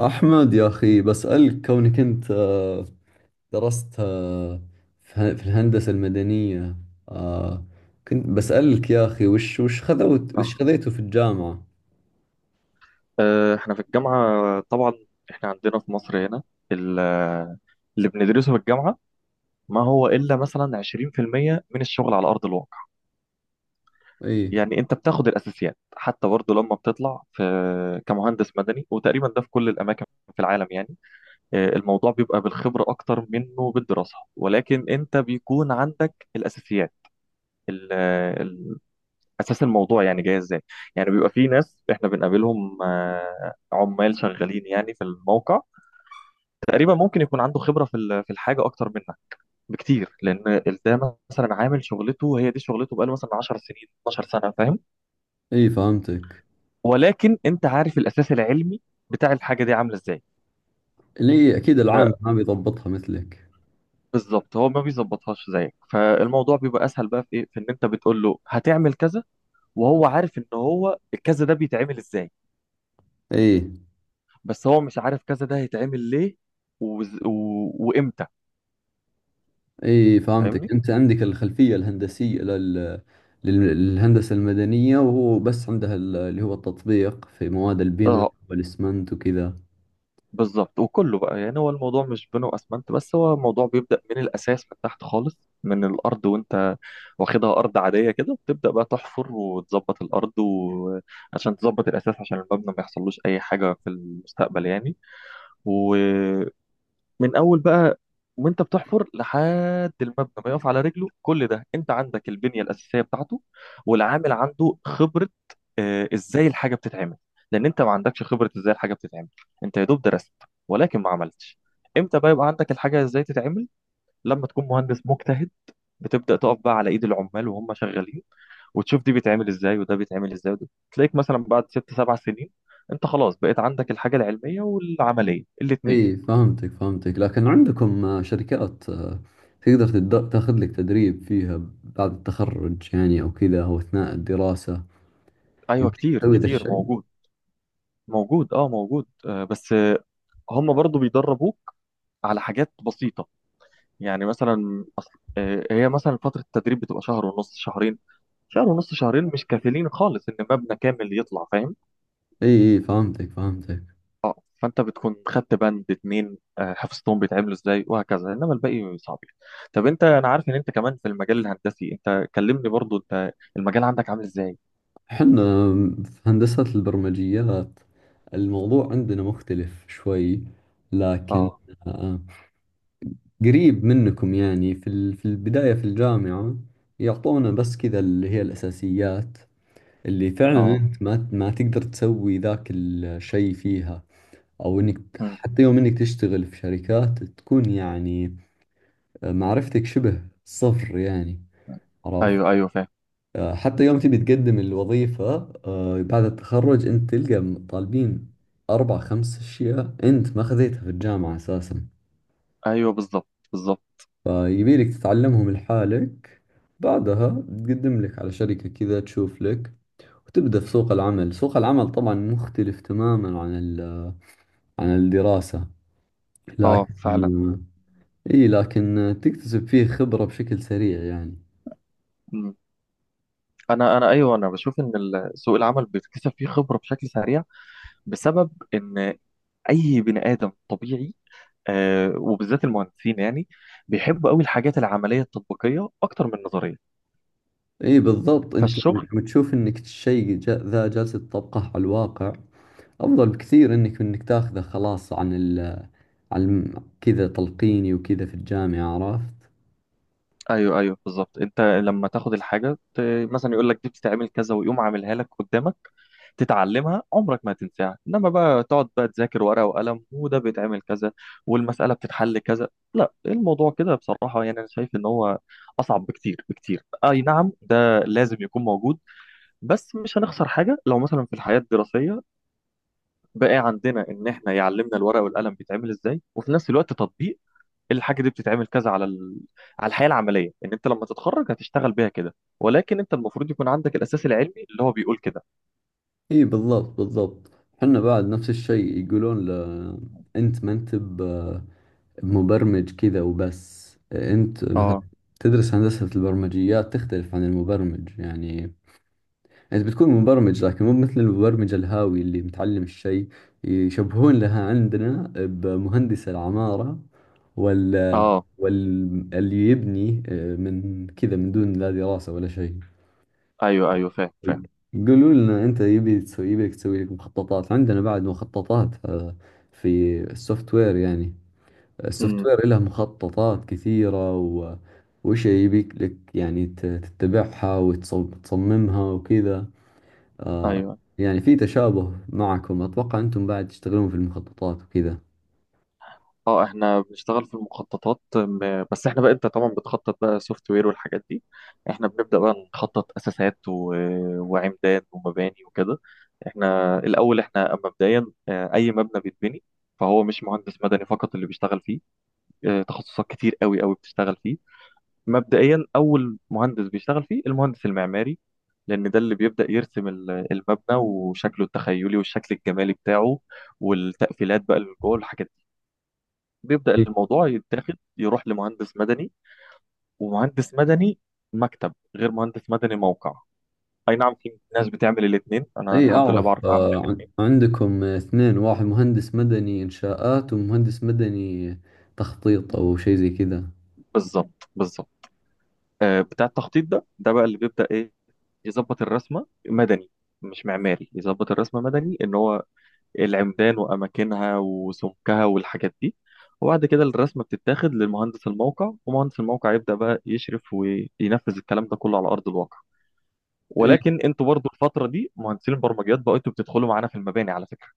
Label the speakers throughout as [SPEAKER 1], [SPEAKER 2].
[SPEAKER 1] أحمد يا أخي بسألك كونك أنت درست في الهندسة المدنية آه، كنت بسألك يا أخي وش خذوت
[SPEAKER 2] آه.
[SPEAKER 1] وش خذيته في الجامعة؟
[SPEAKER 2] احنا في الجامعة، طبعا احنا عندنا في مصر هنا، ال- آه، اللي بندرسه في الجامعة ما هو إلا مثلا 20% من الشغل على أرض الواقع.
[SPEAKER 1] إي
[SPEAKER 2] يعني أنت بتاخد الأساسيات، حتى برضه لما بتطلع في كمهندس مدني. وتقريبا ده في كل الأماكن في العالم يعني. الموضوع بيبقى بالخبرة أكتر منه بالدراسة، ولكن أنت بيكون عندك الأساسيات، ال- آه، ال- أساس الموضوع يعني جاي إزاي. يعني بيبقى في ناس إحنا بنقابلهم، عمال شغالين يعني في الموقع، تقريبا ممكن يكون عنده خبرة في الحاجة أكتر منك بكتير، لأن ده مثلا عامل شغلته، هي دي شغلته بقاله مثلا 10 سنين، 12 سنة، فاهم؟
[SPEAKER 1] إي فهمتك.
[SPEAKER 2] ولكن أنت عارف الأساس العلمي بتاع الحاجة دي عاملة إزاي.
[SPEAKER 1] اللي أكيد العام ما بيضبطها مثلك.
[SPEAKER 2] فبالظبط هو ما بيظبطهاش زيك، فالموضوع بيبقى أسهل بقى في إيه، في إن أنت بتقول له هتعمل كذا، وهو عارف إن هو الكذا ده بيتعمل إزاي،
[SPEAKER 1] إي
[SPEAKER 2] بس هو مش عارف كذا ده هيتعمل ليه وز... و... وإمتى.
[SPEAKER 1] إي فهمتك،
[SPEAKER 2] فاهمني؟
[SPEAKER 1] أنت عندك الخلفية الهندسية لل- للهندسة المدنية، وهو بس عندها اللي هو التطبيق في مواد البناء
[SPEAKER 2] اه
[SPEAKER 1] والإسمنت وكذا.
[SPEAKER 2] بالظبط. وكله بقى يعني هو الموضوع مش بنو اسمنت بس، هو الموضوع بيبدأ من الاساس، من تحت خالص، من الارض. وانت واخدها ارض عادية كده، بتبدأ بقى تحفر وتظبط الارض، وعشان تظبط الاساس عشان المبنى ما يحصلوش اي حاجة في المستقبل يعني. من اول بقى وانت بتحفر لحد المبنى ما يقف على رجله، كل ده انت عندك البنيه الاساسيه بتاعته. والعامل عنده خبره ازاي الحاجه بتتعمل، لان انت ما عندكش خبره ازاي الحاجه بتتعمل، انت يا دوب درست ولكن ما عملتش. امتى بقى يبقى عندك الحاجه ازاي تتعمل؟ لما تكون مهندس مجتهد، بتبدا تقف بقى على ايد العمال وهم شغالين، وتشوف دي بيتعمل ازاي وده بيتعمل ازاي، وده تلاقيك مثلا بعد ست سبع سنين انت خلاص بقيت عندك الحاجه العلميه والعمليه الاثنين.
[SPEAKER 1] اي فهمتك، لكن عندكم شركات تقدر تاخذ لك تدريب فيها بعد التخرج يعني او كذا او اثناء الدراسة،
[SPEAKER 2] ايوه،
[SPEAKER 1] يمديك
[SPEAKER 2] كتير
[SPEAKER 1] تسوي ذا
[SPEAKER 2] كتير
[SPEAKER 1] الشيء؟
[SPEAKER 2] موجود. موجود اه موجود. بس هم برضو بيدربوك على حاجات بسيطة. يعني مثلا أصل هي مثلا فترة التدريب بتبقى شهر ونص، شهرين. شهر ونص شهرين مش كافيين خالص ان مبنى كامل يطلع، فاهم.
[SPEAKER 1] اي فهمتك.
[SPEAKER 2] اه فانت بتكون خدت بند اتنين حفظتهم بيتعملوا ازاي وهكذا، انما الباقي صعب. طب انت، انا عارف ان انت كمان في المجال الهندسي، انت كلمني برضو انت المجال عندك عامل ازاي.
[SPEAKER 1] احنا في هندسة البرمجيات الموضوع عندنا مختلف شوي، لكن
[SPEAKER 2] اه.
[SPEAKER 1] آه، قريب منكم يعني، في في البداية في الجامعة يعطونا بس كذا اللي هي الأساسيات، اللي فعلا
[SPEAKER 2] اه.
[SPEAKER 1] انت ما تقدر تسوي ذاك الشيء فيها، او انك
[SPEAKER 2] مم.
[SPEAKER 1] حتى يوم انك تشتغل في شركات تكون يعني معرفتك شبه صفر يعني، عرفت؟
[SPEAKER 2] ايوه ايوه فاهم.
[SPEAKER 1] حتى يوم تبي تقدم الوظيفة بعد التخرج انت تلقى طالبين اربع خمس اشياء انت ما خذيتها في الجامعة اساسا،
[SPEAKER 2] ايوه بالظبط، بالظبط.
[SPEAKER 1] فيبيلك تتعلمهم لحالك، بعدها تقدم لك على شركة كذا تشوف لك، وتبدأ في سوق العمل. سوق العمل طبعا مختلف تماما عن عن الدراسة،
[SPEAKER 2] اه فعلا.
[SPEAKER 1] لكن إي لكن تكتسب فيه خبرة بشكل سريع يعني.
[SPEAKER 2] انا ايوه انا بشوف ان سوق العمل بيكتسب فيه خبره بشكل سريع، بسبب ان اي بني ادم طبيعي، آه، وبالذات المهندسين يعني بيحبوا قوي الحاجات العمليه التطبيقيه اكتر من النظريه.
[SPEAKER 1] إي بالضبط، أنت لما
[SPEAKER 2] فالشغل،
[SPEAKER 1] لما تشوف إنك الشيء ذا جالس تطبقه على الواقع أفضل بكثير إنك إنك تاخذه خلاص عن كذا تلقيني وكذا في الجامعة، عرفت؟
[SPEAKER 2] ايوه ايوه بالظبط، انت لما تاخد مثلا يقول لك دي بتتعمل كذا، ويقوم عاملها لك قدامك، تتعلمها عمرك ما تنساها. انما بقى تقعد بقى تذاكر ورقة وقلم، وده بيتعمل كذا والمسألة بتتحل كذا، لا، الموضوع كده بصراحة يعني انا شايف ان هو اصعب بكتير. اي نعم ده لازم يكون موجود، بس مش هنخسر حاجة لو مثلا في الحياة الدراسية بقى عندنا ان احنا يعلمنا الورقة والقلم بيتعمل ازاي، وفي نفس الوقت تطبيق الحاجة دي بتتعمل كذا على الحياة العملية، ان انت لما تتخرج هتشتغل بيها كده، ولكن انت المفروض يكون عندك الاساس العلمي اللي هو بيقول كده.
[SPEAKER 1] إي بالضبط. حنا بعد نفس الشيء يقولون ل... أنت ما أنت بمبرمج كذا وبس. أنت مثلا
[SPEAKER 2] اه
[SPEAKER 1] تدرس هندسة البرمجيات تختلف عن المبرمج يعني، انت بتكون مبرمج لكن مو مثل المبرمج الهاوي اللي متعلم الشيء. يشبهون لها عندنا بمهندس العمارة وال
[SPEAKER 2] اه.
[SPEAKER 1] وال اللي يبني من كذا من دون لا دراسة ولا شيء.
[SPEAKER 2] ايوه ايوه فاهم فاهم.
[SPEAKER 1] يقولوا لنا انت يبي تسوي يبيك تسوي لك مخططات، عندنا بعد مخططات في السوفت وير يعني، السوفت
[SPEAKER 2] امم.
[SPEAKER 1] وير له مخططات كثيرة و... وش يبيك لك يعني تتبعها وتصممها وكذا. آه
[SPEAKER 2] ايوه.
[SPEAKER 1] يعني في تشابه معكم، أتوقع أنتم بعد تشتغلون في المخططات وكذا.
[SPEAKER 2] اه احنا بنشتغل في المخططات، بس احنا بقى انت طبعا بتخطط بقى سوفت وير والحاجات دي، احنا بنبدأ بقى نخطط اساسات وعمدان ومباني وكده. احنا الاول، احنا مبدئيا، اي مبنى بيتبني فهو مش مهندس مدني فقط اللي بيشتغل فيه، تخصصات كتير قوي بتشتغل فيه. مبدئيا اول مهندس بيشتغل فيه المهندس المعماري، لان ده اللي بيبدأ يرسم المبنى وشكله التخيلي والشكل الجمالي بتاعه، والتقفيلات بقى اللي جوه الحاجات. بيبدأ
[SPEAKER 1] إيه.
[SPEAKER 2] الموضوع يتاخد يروح لمهندس مدني. ومهندس مدني مكتب غير مهندس مدني موقع. اي نعم في ناس بتعمل الاثنين، انا
[SPEAKER 1] اي
[SPEAKER 2] الحمد لله بعرف
[SPEAKER 1] اعرف
[SPEAKER 2] اعمل الاثنين.
[SPEAKER 1] عندكم اثنين، واحد مهندس مدني انشاءات ومهندس مدني تخطيط او شيء زي كذا.
[SPEAKER 2] بالظبط بالظبط. آه بتاع التخطيط ده، ده بقى اللي بيبدأ ايه، يظبط الرسمة مدني، مش معماري. يظبط الرسمة مدني ان هو العمدان واماكنها وسمكها والحاجات دي. وبعد كده الرسمة بتتاخد لمهندس الموقع، ومهندس الموقع يبدأ بقى يشرف وينفذ الكلام ده كله على أرض الواقع.
[SPEAKER 1] اي
[SPEAKER 2] ولكن انتوا برضو الفتره دي مهندسين البرمجيات بقوا انتوا بتدخلوا معانا في المباني على فكره.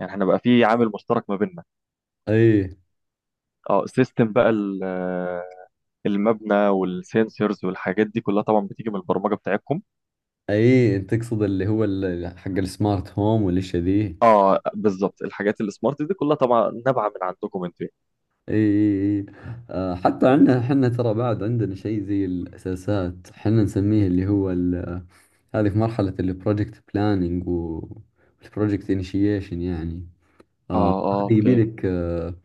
[SPEAKER 2] يعني احنا بقى في عامل مشترك ما بيننا.
[SPEAKER 1] اي
[SPEAKER 2] اه سيستم بقى المبنى والسنسورز والحاجات دي كلها طبعا بتيجي من البرمجه بتاعتكم.
[SPEAKER 1] اي تقصد اللي هو حق السمارت هوم والاشياء ذي.
[SPEAKER 2] اه بالظبط، الحاجات السمارت دي كلها طبعا نابعه من عندكم انتوا يعني.
[SPEAKER 1] اي حتى عندنا حنا ترى بعد عندنا شيء زي الاساسات حنا نسميه اللي هو ال-. هذه في مرحلة البروجكت بلاننج والبروجكت انيشيشن يعني
[SPEAKER 2] اه اه
[SPEAKER 1] هذه
[SPEAKER 2] اوكي.
[SPEAKER 1] يبي لك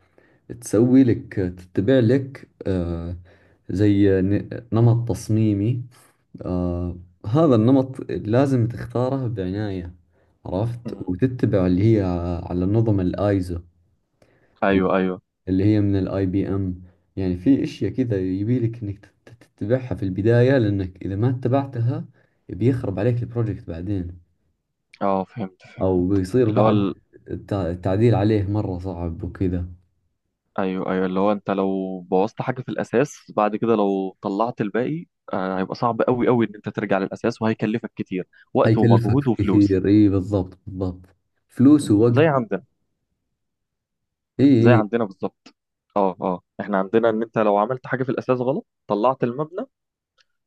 [SPEAKER 1] تسوي لك تتبع لك زي نمط تصميمي آه، هذا النمط لازم تختاره بعناية، عرفت؟
[SPEAKER 2] مم.
[SPEAKER 1] وتتبع اللي هي على نظم الايزو
[SPEAKER 2] ايوه ايوه.
[SPEAKER 1] اللي هي من الاي بي ام. يعني في اشياء كذا يبيلك انك تتبعها في البداية، لانك اذا ما اتبعتها بيخرب عليك البروجكت بعدين،
[SPEAKER 2] اه فهمت فهمت.
[SPEAKER 1] او بيصير
[SPEAKER 2] اللي
[SPEAKER 1] بعد
[SPEAKER 2] هو،
[SPEAKER 1] التعديل عليه مرة صعب وكذا.
[SPEAKER 2] ايوه ايوه، اللي هو انت لو بوظت حاجه في الاساس، بعد كده لو طلعت الباقي، آه هيبقى صعب قوي ان انت ترجع للاساس، وهيكلفك كتير، وقت
[SPEAKER 1] حيكلفك
[SPEAKER 2] ومجهود وفلوس.
[SPEAKER 1] كثير، اي بالضبط، فلوس
[SPEAKER 2] م.
[SPEAKER 1] ووقت.
[SPEAKER 2] زي عندنا. زي
[SPEAKER 1] اي
[SPEAKER 2] عندنا بالظبط. اه اه، احنا عندنا ان انت لو عملت حاجه في الاساس غلط، طلعت المبنى،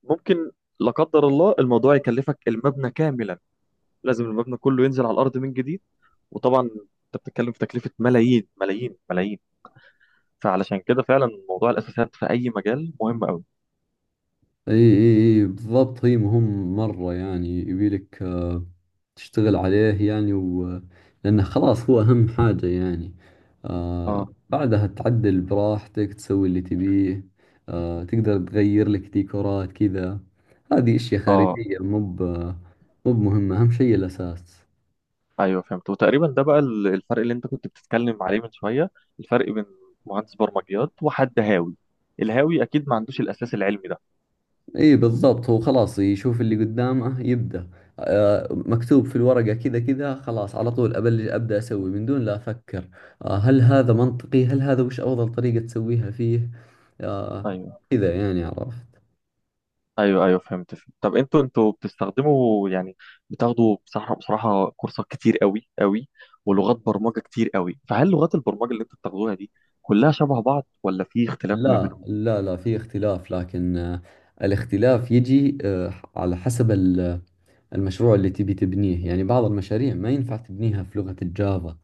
[SPEAKER 2] ممكن لا قدر الله الموضوع يكلفك المبنى كاملا، لازم المبنى كله ينزل على الارض من جديد. وطبعا انت بتتكلم في تكلفه ملايين ملايين ملايين، فعلشان كده فعلا موضوع الاساسات في اي مجال مهم قوي.
[SPEAKER 1] اي بالضبط، هي مهم مرة يعني، يبيلك تشتغل عليه يعني و... لأنه خلاص هو أهم حاجة يعني. آه
[SPEAKER 2] اه
[SPEAKER 1] بعدها تعدل براحتك تسوي اللي تبيه، آه تقدر تغير لك ديكورات كذا، هذه أشياء
[SPEAKER 2] اه.
[SPEAKER 1] خارجية مو بمهمة، أهم شيء الأساس.
[SPEAKER 2] ايوه فهمت. وتقريبا ده بقى الفرق اللي انت كنت بتتكلم عليه من شويه، الفرق بين مهندس برمجيات وحد هاوي. الهاوي اكيد ما عندوش الاساس العلمي ده.
[SPEAKER 1] اي بالضبط، هو خلاص يشوف اللي قدامه يبدأ، آه مكتوب في الورقة كذا كذا، خلاص على طول أبلش أبدأ أسوي من دون لا أفكر آه هل هذا منطقي، هل هذا وش أفضل طريقة تسويها فيه. آه
[SPEAKER 2] ايوه.
[SPEAKER 1] كذا يعني، عرفت؟
[SPEAKER 2] ايوه فهمت فهمت. طب انتوا بتستخدموا يعني بتاخدوا بصراحه، بصراحه كورسات كتير قوي ولغات برمجه كتير قوي، فهل لغات البرمجه اللي انتوا بتاخدوها دي كلها شبه بعض، ولا في اختلاف ما
[SPEAKER 1] لا
[SPEAKER 2] بينهم؟
[SPEAKER 1] لا لا في اختلاف، لكن آه الاختلاف يجي آه على حسب المشروع اللي تبي تبنيه. يعني بعض المشاريع ما ينفع تبنيها في لغة الجافا،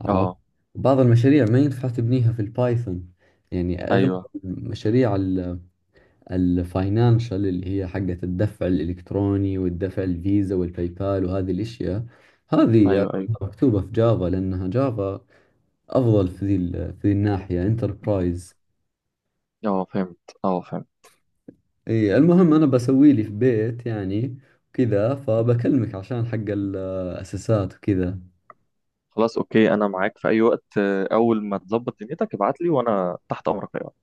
[SPEAKER 1] عرفت؟
[SPEAKER 2] اه.
[SPEAKER 1] بعض المشاريع ما ينفع تبنيها في البايثون. يعني اغلب
[SPEAKER 2] ايوه
[SPEAKER 1] المشاريع الفاينانشال اللي هي حقت الدفع الالكتروني والدفع الفيزا والباي بال وهذه الاشياء، هذه
[SPEAKER 2] ايوه ايوه
[SPEAKER 1] أغلبها مكتوبة في جافا، لانها جافا افضل في ذي في ذي الناحية انتربرايز.
[SPEAKER 2] اه فهمت، اه فهمت.
[SPEAKER 1] اي المهم انا بسوي لي في بيت يعني كذا، فبكلمك عشان حق الاساسات وكذا.
[SPEAKER 2] خلاص اوكي، انا معاك في اي وقت، اول ما تظبط دنيتك ابعت لي وانا تحت امرك.